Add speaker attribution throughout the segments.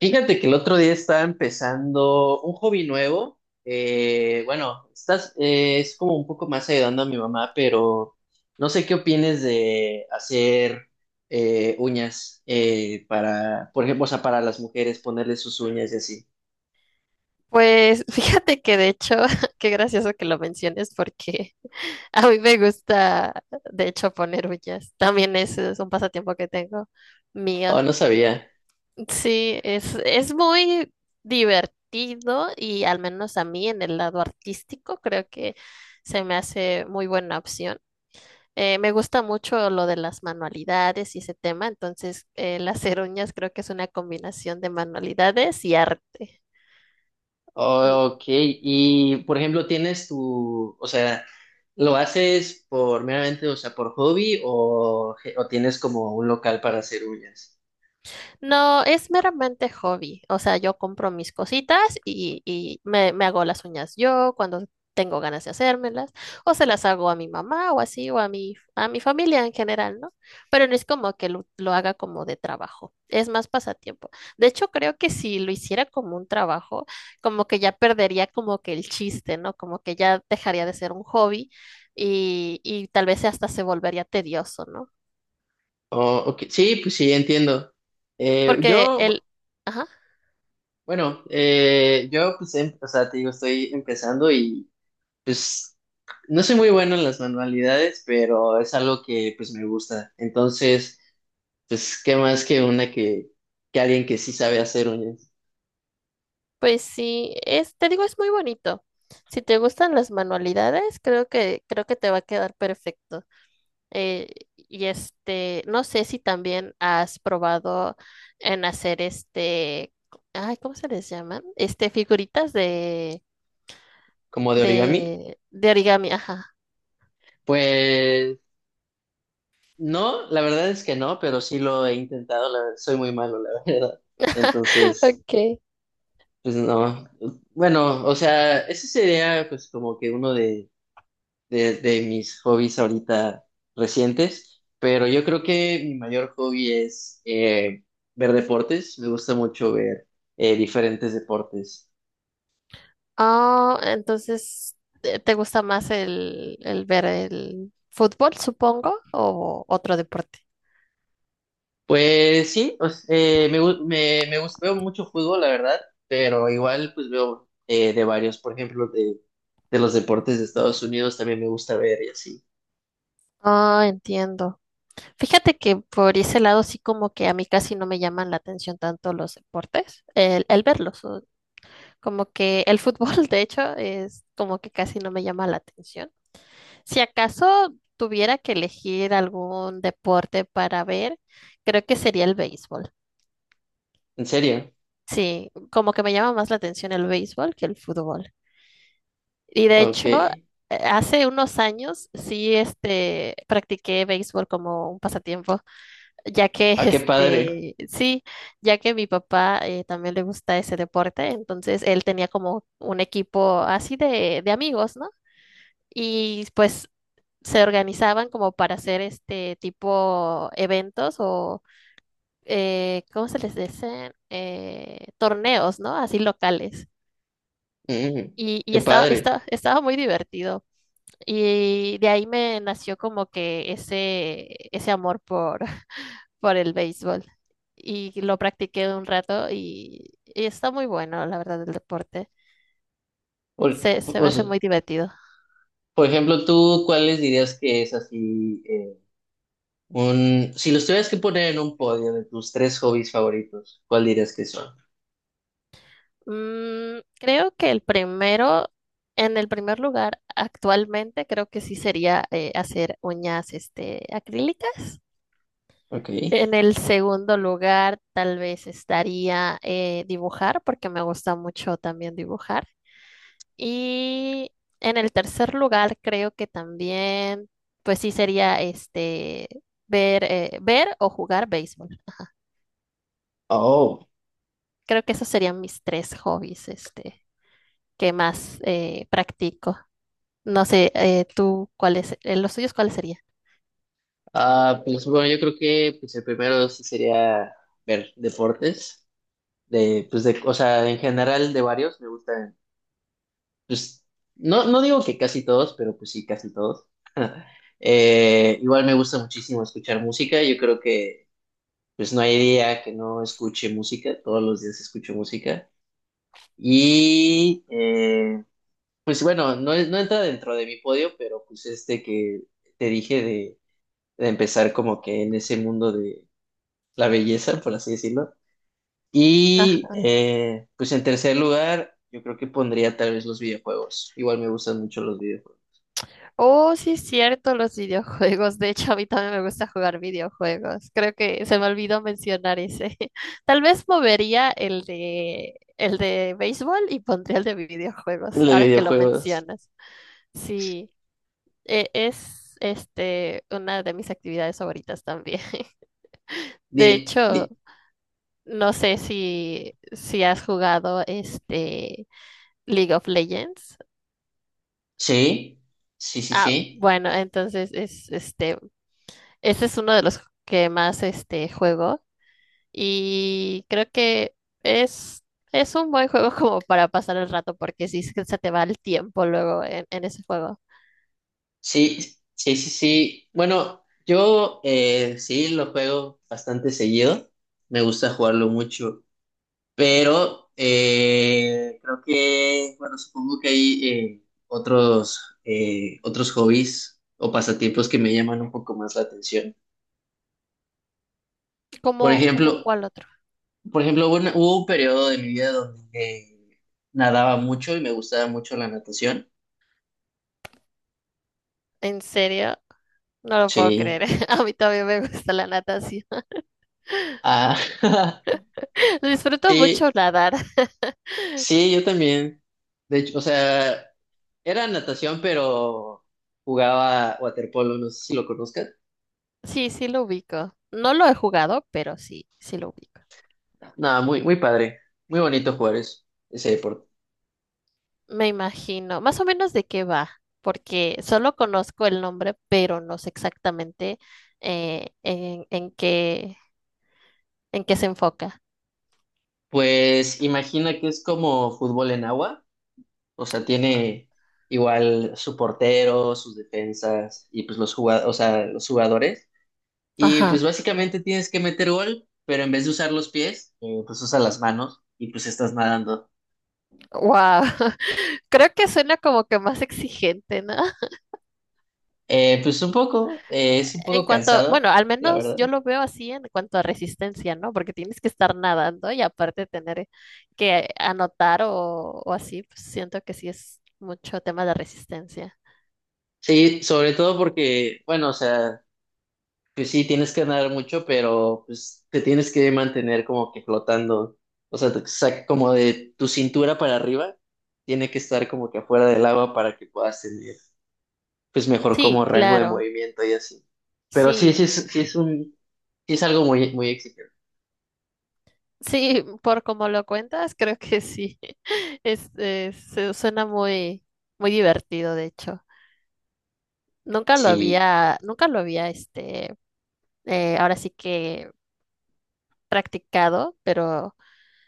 Speaker 1: Fíjate que el otro día estaba empezando un hobby nuevo. Bueno, estás, es como un poco más ayudando a mi mamá, pero no sé qué opines de hacer uñas para, por ejemplo, o sea, para las mujeres, ponerle sus uñas y así.
Speaker 2: Pues fíjate que de hecho, qué gracioso que lo menciones porque a mí me gusta, de hecho, poner uñas. También es un pasatiempo que tengo mío.
Speaker 1: Oh, no sabía.
Speaker 2: Sí, es muy divertido y al menos a mí en el lado artístico creo que se me hace muy buena opción. Me gusta mucho lo de las manualidades y ese tema, entonces las hacer uñas creo que es una combinación de manualidades y arte. Mm.
Speaker 1: Oh, ok. Y, por ejemplo, tienes tu, o sea, ¿lo haces por meramente, o sea, por hobby o tienes como un local para hacer uñas?
Speaker 2: No, es meramente hobby. O sea, yo compro mis cositas y me hago las uñas yo cuando tengo ganas de hacérmelas, o se las hago a mi mamá o así, o a mi familia en general, ¿no? Pero no es como que lo haga como de trabajo, es más pasatiempo. De hecho, creo que si lo hiciera como un trabajo, como que ya perdería como que el chiste, ¿no? Como que ya dejaría de ser un hobby y tal vez hasta se volvería tedioso, ¿no?
Speaker 1: Oh, ok. Sí, pues sí, entiendo. Eh,
Speaker 2: Porque
Speaker 1: yo, bu-
Speaker 2: el... Ajá.
Speaker 1: bueno, yo pues, o sea, te digo, estoy empezando y pues no soy muy bueno en las manualidades, pero es algo que pues me gusta. Entonces, pues, ¿qué más que una que alguien que sí sabe hacer un,
Speaker 2: Pues sí, es, te digo, es muy bonito. Si te gustan las manualidades, creo que te va a quedar perfecto. Eh, y este, no sé si también has probado en hacer este, ay, ¿cómo se les llaman? Este, figuritas de,
Speaker 1: como de origami?
Speaker 2: de origami, ajá.
Speaker 1: Pues no, la verdad es que no, pero sí lo he intentado, soy muy malo, la verdad. Entonces,
Speaker 2: Okay.
Speaker 1: pues no. Bueno, o sea, ese sería pues como que uno de mis hobbies ahorita recientes, pero yo creo que mi mayor hobby es ver deportes, me gusta mucho ver diferentes deportes.
Speaker 2: Ah, entonces, ¿te gusta más el ver el fútbol, supongo, o otro deporte?
Speaker 1: Pues sí, me gusta, veo mucho fútbol, la verdad, pero igual pues veo de varios, por ejemplo, de los deportes de Estados Unidos también me gusta ver y así.
Speaker 2: Ah, entiendo. Fíjate que por ese lado sí como que a mí casi no me llaman la atención tanto los deportes, el verlos, o como que el fútbol de hecho es como que casi no me llama la atención. Si acaso tuviera que elegir algún deporte para ver, creo que sería el béisbol.
Speaker 1: ¿En serio?
Speaker 2: Sí, como que me llama más la atención el béisbol que el fútbol. Y de
Speaker 1: Ok.
Speaker 2: hecho, hace unos años sí este practiqué béisbol como un pasatiempo, ya que
Speaker 1: Ah, qué padre.
Speaker 2: este, sí, ya que mi papá también le gusta ese deporte, entonces él tenía como un equipo así de amigos, ¿no? Y pues se organizaban como para hacer este tipo eventos o, ¿cómo se les dice? Torneos, ¿no? Así locales.
Speaker 1: Mm,
Speaker 2: Y
Speaker 1: qué padre.
Speaker 2: estaba muy divertido. Y de ahí me nació como que ese amor por el béisbol y lo practiqué un rato y está muy bueno, la verdad, el deporte.
Speaker 1: Por,
Speaker 2: Se
Speaker 1: o
Speaker 2: me
Speaker 1: sea,
Speaker 2: hace muy divertido.
Speaker 1: por ejemplo, ¿tú cuáles dirías que es así? Un, si los tuvieras que poner en un podio de tus tres hobbies favoritos, ¿cuál dirías que son?
Speaker 2: Mm, creo que el primero, en el primer lugar actualmente, creo que sí sería hacer uñas este, acrílicas.
Speaker 1: Ok.
Speaker 2: En el segundo lugar, tal vez estaría dibujar, porque me gusta mucho también dibujar. Y en el tercer lugar, creo que también, pues sí sería este ver, ver o jugar béisbol.
Speaker 1: Oh.
Speaker 2: Creo que esos serían mis tres hobbies, este, que más practico. No sé, tú, ¿cuáles, los tuyos cuáles serían?
Speaker 1: Ah, pues bueno, yo creo que pues el primero sí sería ver deportes. De, pues de, o sea, en general de varios me gustan. Pues, no, no digo que casi todos, pero pues sí, casi todos. Igual me gusta muchísimo escuchar música. Yo creo que pues no hay día que no escuche música. Todos los días escucho música. Y pues bueno, no, no entra dentro de mi podio, pero pues este que te dije de empezar como que en ese mundo de la belleza, por así decirlo. Y pues en tercer lugar, yo creo que pondría tal vez los videojuegos. Igual me gustan mucho los videojuegos.
Speaker 2: Oh, sí es cierto, los videojuegos. De hecho, a mí también me gusta jugar videojuegos. Creo que se me olvidó mencionar ese. Tal vez movería el de béisbol y pondría el de videojuegos,
Speaker 1: Los
Speaker 2: ahora que lo
Speaker 1: videojuegos.
Speaker 2: mencionas. Sí, es este una de mis actividades favoritas también. De
Speaker 1: Di-
Speaker 2: hecho,
Speaker 1: di-
Speaker 2: no sé si has jugado este League of Legends.
Speaker 1: sí, sí, sí,
Speaker 2: Ah,
Speaker 1: sí.
Speaker 2: bueno, entonces es este ese es uno de los que más este juego y creo que es, es un buen juego como para pasar el rato porque sí se te va el tiempo luego en ese juego.
Speaker 1: Sí, sí, sí, sí. Bueno, yo sí lo juego bastante seguido. Me gusta jugarlo mucho. Pero creo que, bueno, supongo que hay otros, otros hobbies o pasatiempos que me llaman un poco más la atención. Por
Speaker 2: ¿Cómo, cómo
Speaker 1: ejemplo,
Speaker 2: cuál otro?
Speaker 1: por ejemplo, hubo un periodo de mi vida donde nadaba mucho y me gustaba mucho la natación.
Speaker 2: ¿En serio? No lo puedo
Speaker 1: Sí.
Speaker 2: creer. A mí también me gusta la natación.
Speaker 1: Ah,
Speaker 2: Disfruto mucho
Speaker 1: sí,
Speaker 2: nadar.
Speaker 1: sí, yo también. De hecho, o sea, era natación, pero jugaba waterpolo, no sé si lo conozcas.
Speaker 2: Sí, sí lo ubico. No lo he jugado, pero sí, sí lo ubico.
Speaker 1: Nada, muy, muy padre. Muy bonito jugar ese deporte.
Speaker 2: Me imagino. Más o menos de qué va, porque solo conozco el nombre, pero no sé exactamente eh, en, en qué, en qué se enfoca.
Speaker 1: Pues imagina que es como fútbol en agua. O sea, tiene igual su portero, sus defensas y pues los jugadores, o sea, los jugadores. Y
Speaker 2: Ajá.
Speaker 1: pues básicamente tienes que meter gol, pero en vez de usar los pies, pues usa las manos y pues estás nadando.
Speaker 2: Wow. Creo que suena como que más exigente, ¿no?
Speaker 1: Pues un poco, es un
Speaker 2: En
Speaker 1: poco
Speaker 2: cuanto,
Speaker 1: cansado,
Speaker 2: bueno, al
Speaker 1: la
Speaker 2: menos
Speaker 1: verdad.
Speaker 2: yo lo veo así en cuanto a resistencia, ¿no? Porque tienes que estar nadando y aparte tener que anotar o así, pues siento que sí es mucho tema de resistencia.
Speaker 1: Sí, sobre todo porque, bueno, o sea, pues sí, tienes que ganar mucho, pero pues te tienes que mantener como que flotando. O sea, como de tu cintura para arriba, tiene que estar como que afuera del agua para que puedas tener pues mejor
Speaker 2: Sí,
Speaker 1: como rango de
Speaker 2: claro.
Speaker 1: movimiento y así. Pero sí,
Speaker 2: Sí,
Speaker 1: sí es un, sí es algo muy, muy exigente.
Speaker 2: sí, por como lo cuentas, creo que sí. Es, suena muy, muy divertido, de hecho.
Speaker 1: Sí,
Speaker 2: Nunca lo había, este, ahora sí que practicado, pero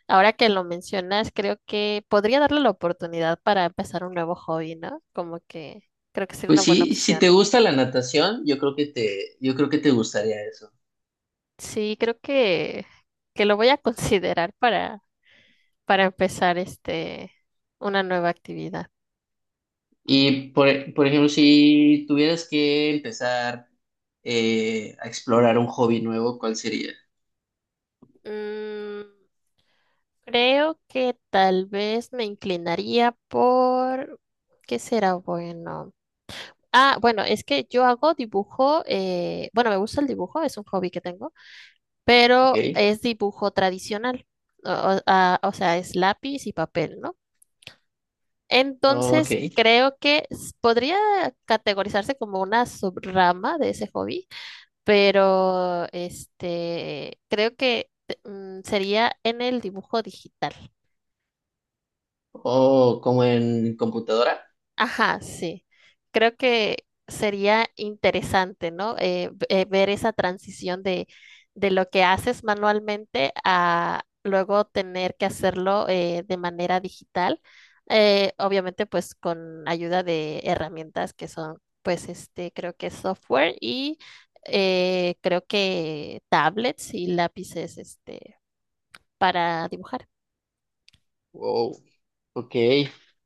Speaker 2: ahora que lo mencionas, creo que podría darle la oportunidad para empezar un nuevo hobby, ¿no? Como que creo que sería
Speaker 1: pues
Speaker 2: una buena
Speaker 1: sí, si
Speaker 2: opción.
Speaker 1: te gusta la natación, yo creo que te, yo creo que te gustaría eso.
Speaker 2: Sí, que lo voy a considerar para empezar este, una nueva actividad.
Speaker 1: Y por, por ejemplo, si tuvieras que empezar a explorar un hobby nuevo, ¿cuál sería?
Speaker 2: Mm, creo que tal vez me inclinaría por... ¿Qué será bueno? Ah, bueno, es que yo hago dibujo, bueno, me gusta el dibujo, es un hobby que tengo,
Speaker 1: Ok,
Speaker 2: pero es dibujo tradicional, o, o sea, es lápiz y papel, ¿no? Entonces,
Speaker 1: ok.
Speaker 2: creo que podría categorizarse como una subrama de ese hobby, pero este, creo que sería en el dibujo digital.
Speaker 1: O como en computadora.
Speaker 2: Ajá, sí. Creo que sería interesante, ¿no? Ver esa transición de lo que haces manualmente a luego tener que hacerlo de manera digital. Obviamente, pues con ayuda de herramientas que son, pues, este, creo que software y creo que tablets y lápices, este, para dibujar.
Speaker 1: Wow. Ok.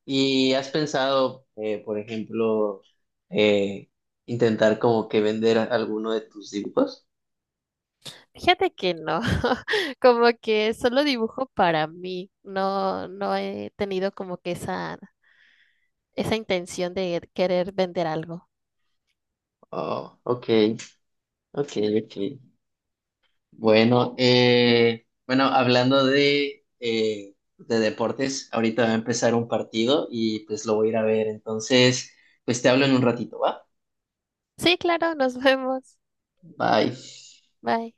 Speaker 1: ¿Y has pensado, por ejemplo, eh, intentar como que vender alguno de tus dibujos?
Speaker 2: Fíjate que no, como que solo dibujo para mí, no, no he tenido como que esa intención de querer vender algo.
Speaker 1: Oh, ok. Ok, ok. Bueno, bueno, hablando de deportes, ahorita va a empezar un partido y pues lo voy a ir a ver. Entonces, pues te hablo en un ratito, ¿va?
Speaker 2: Sí, claro, nos vemos.
Speaker 1: Bye.
Speaker 2: Bye.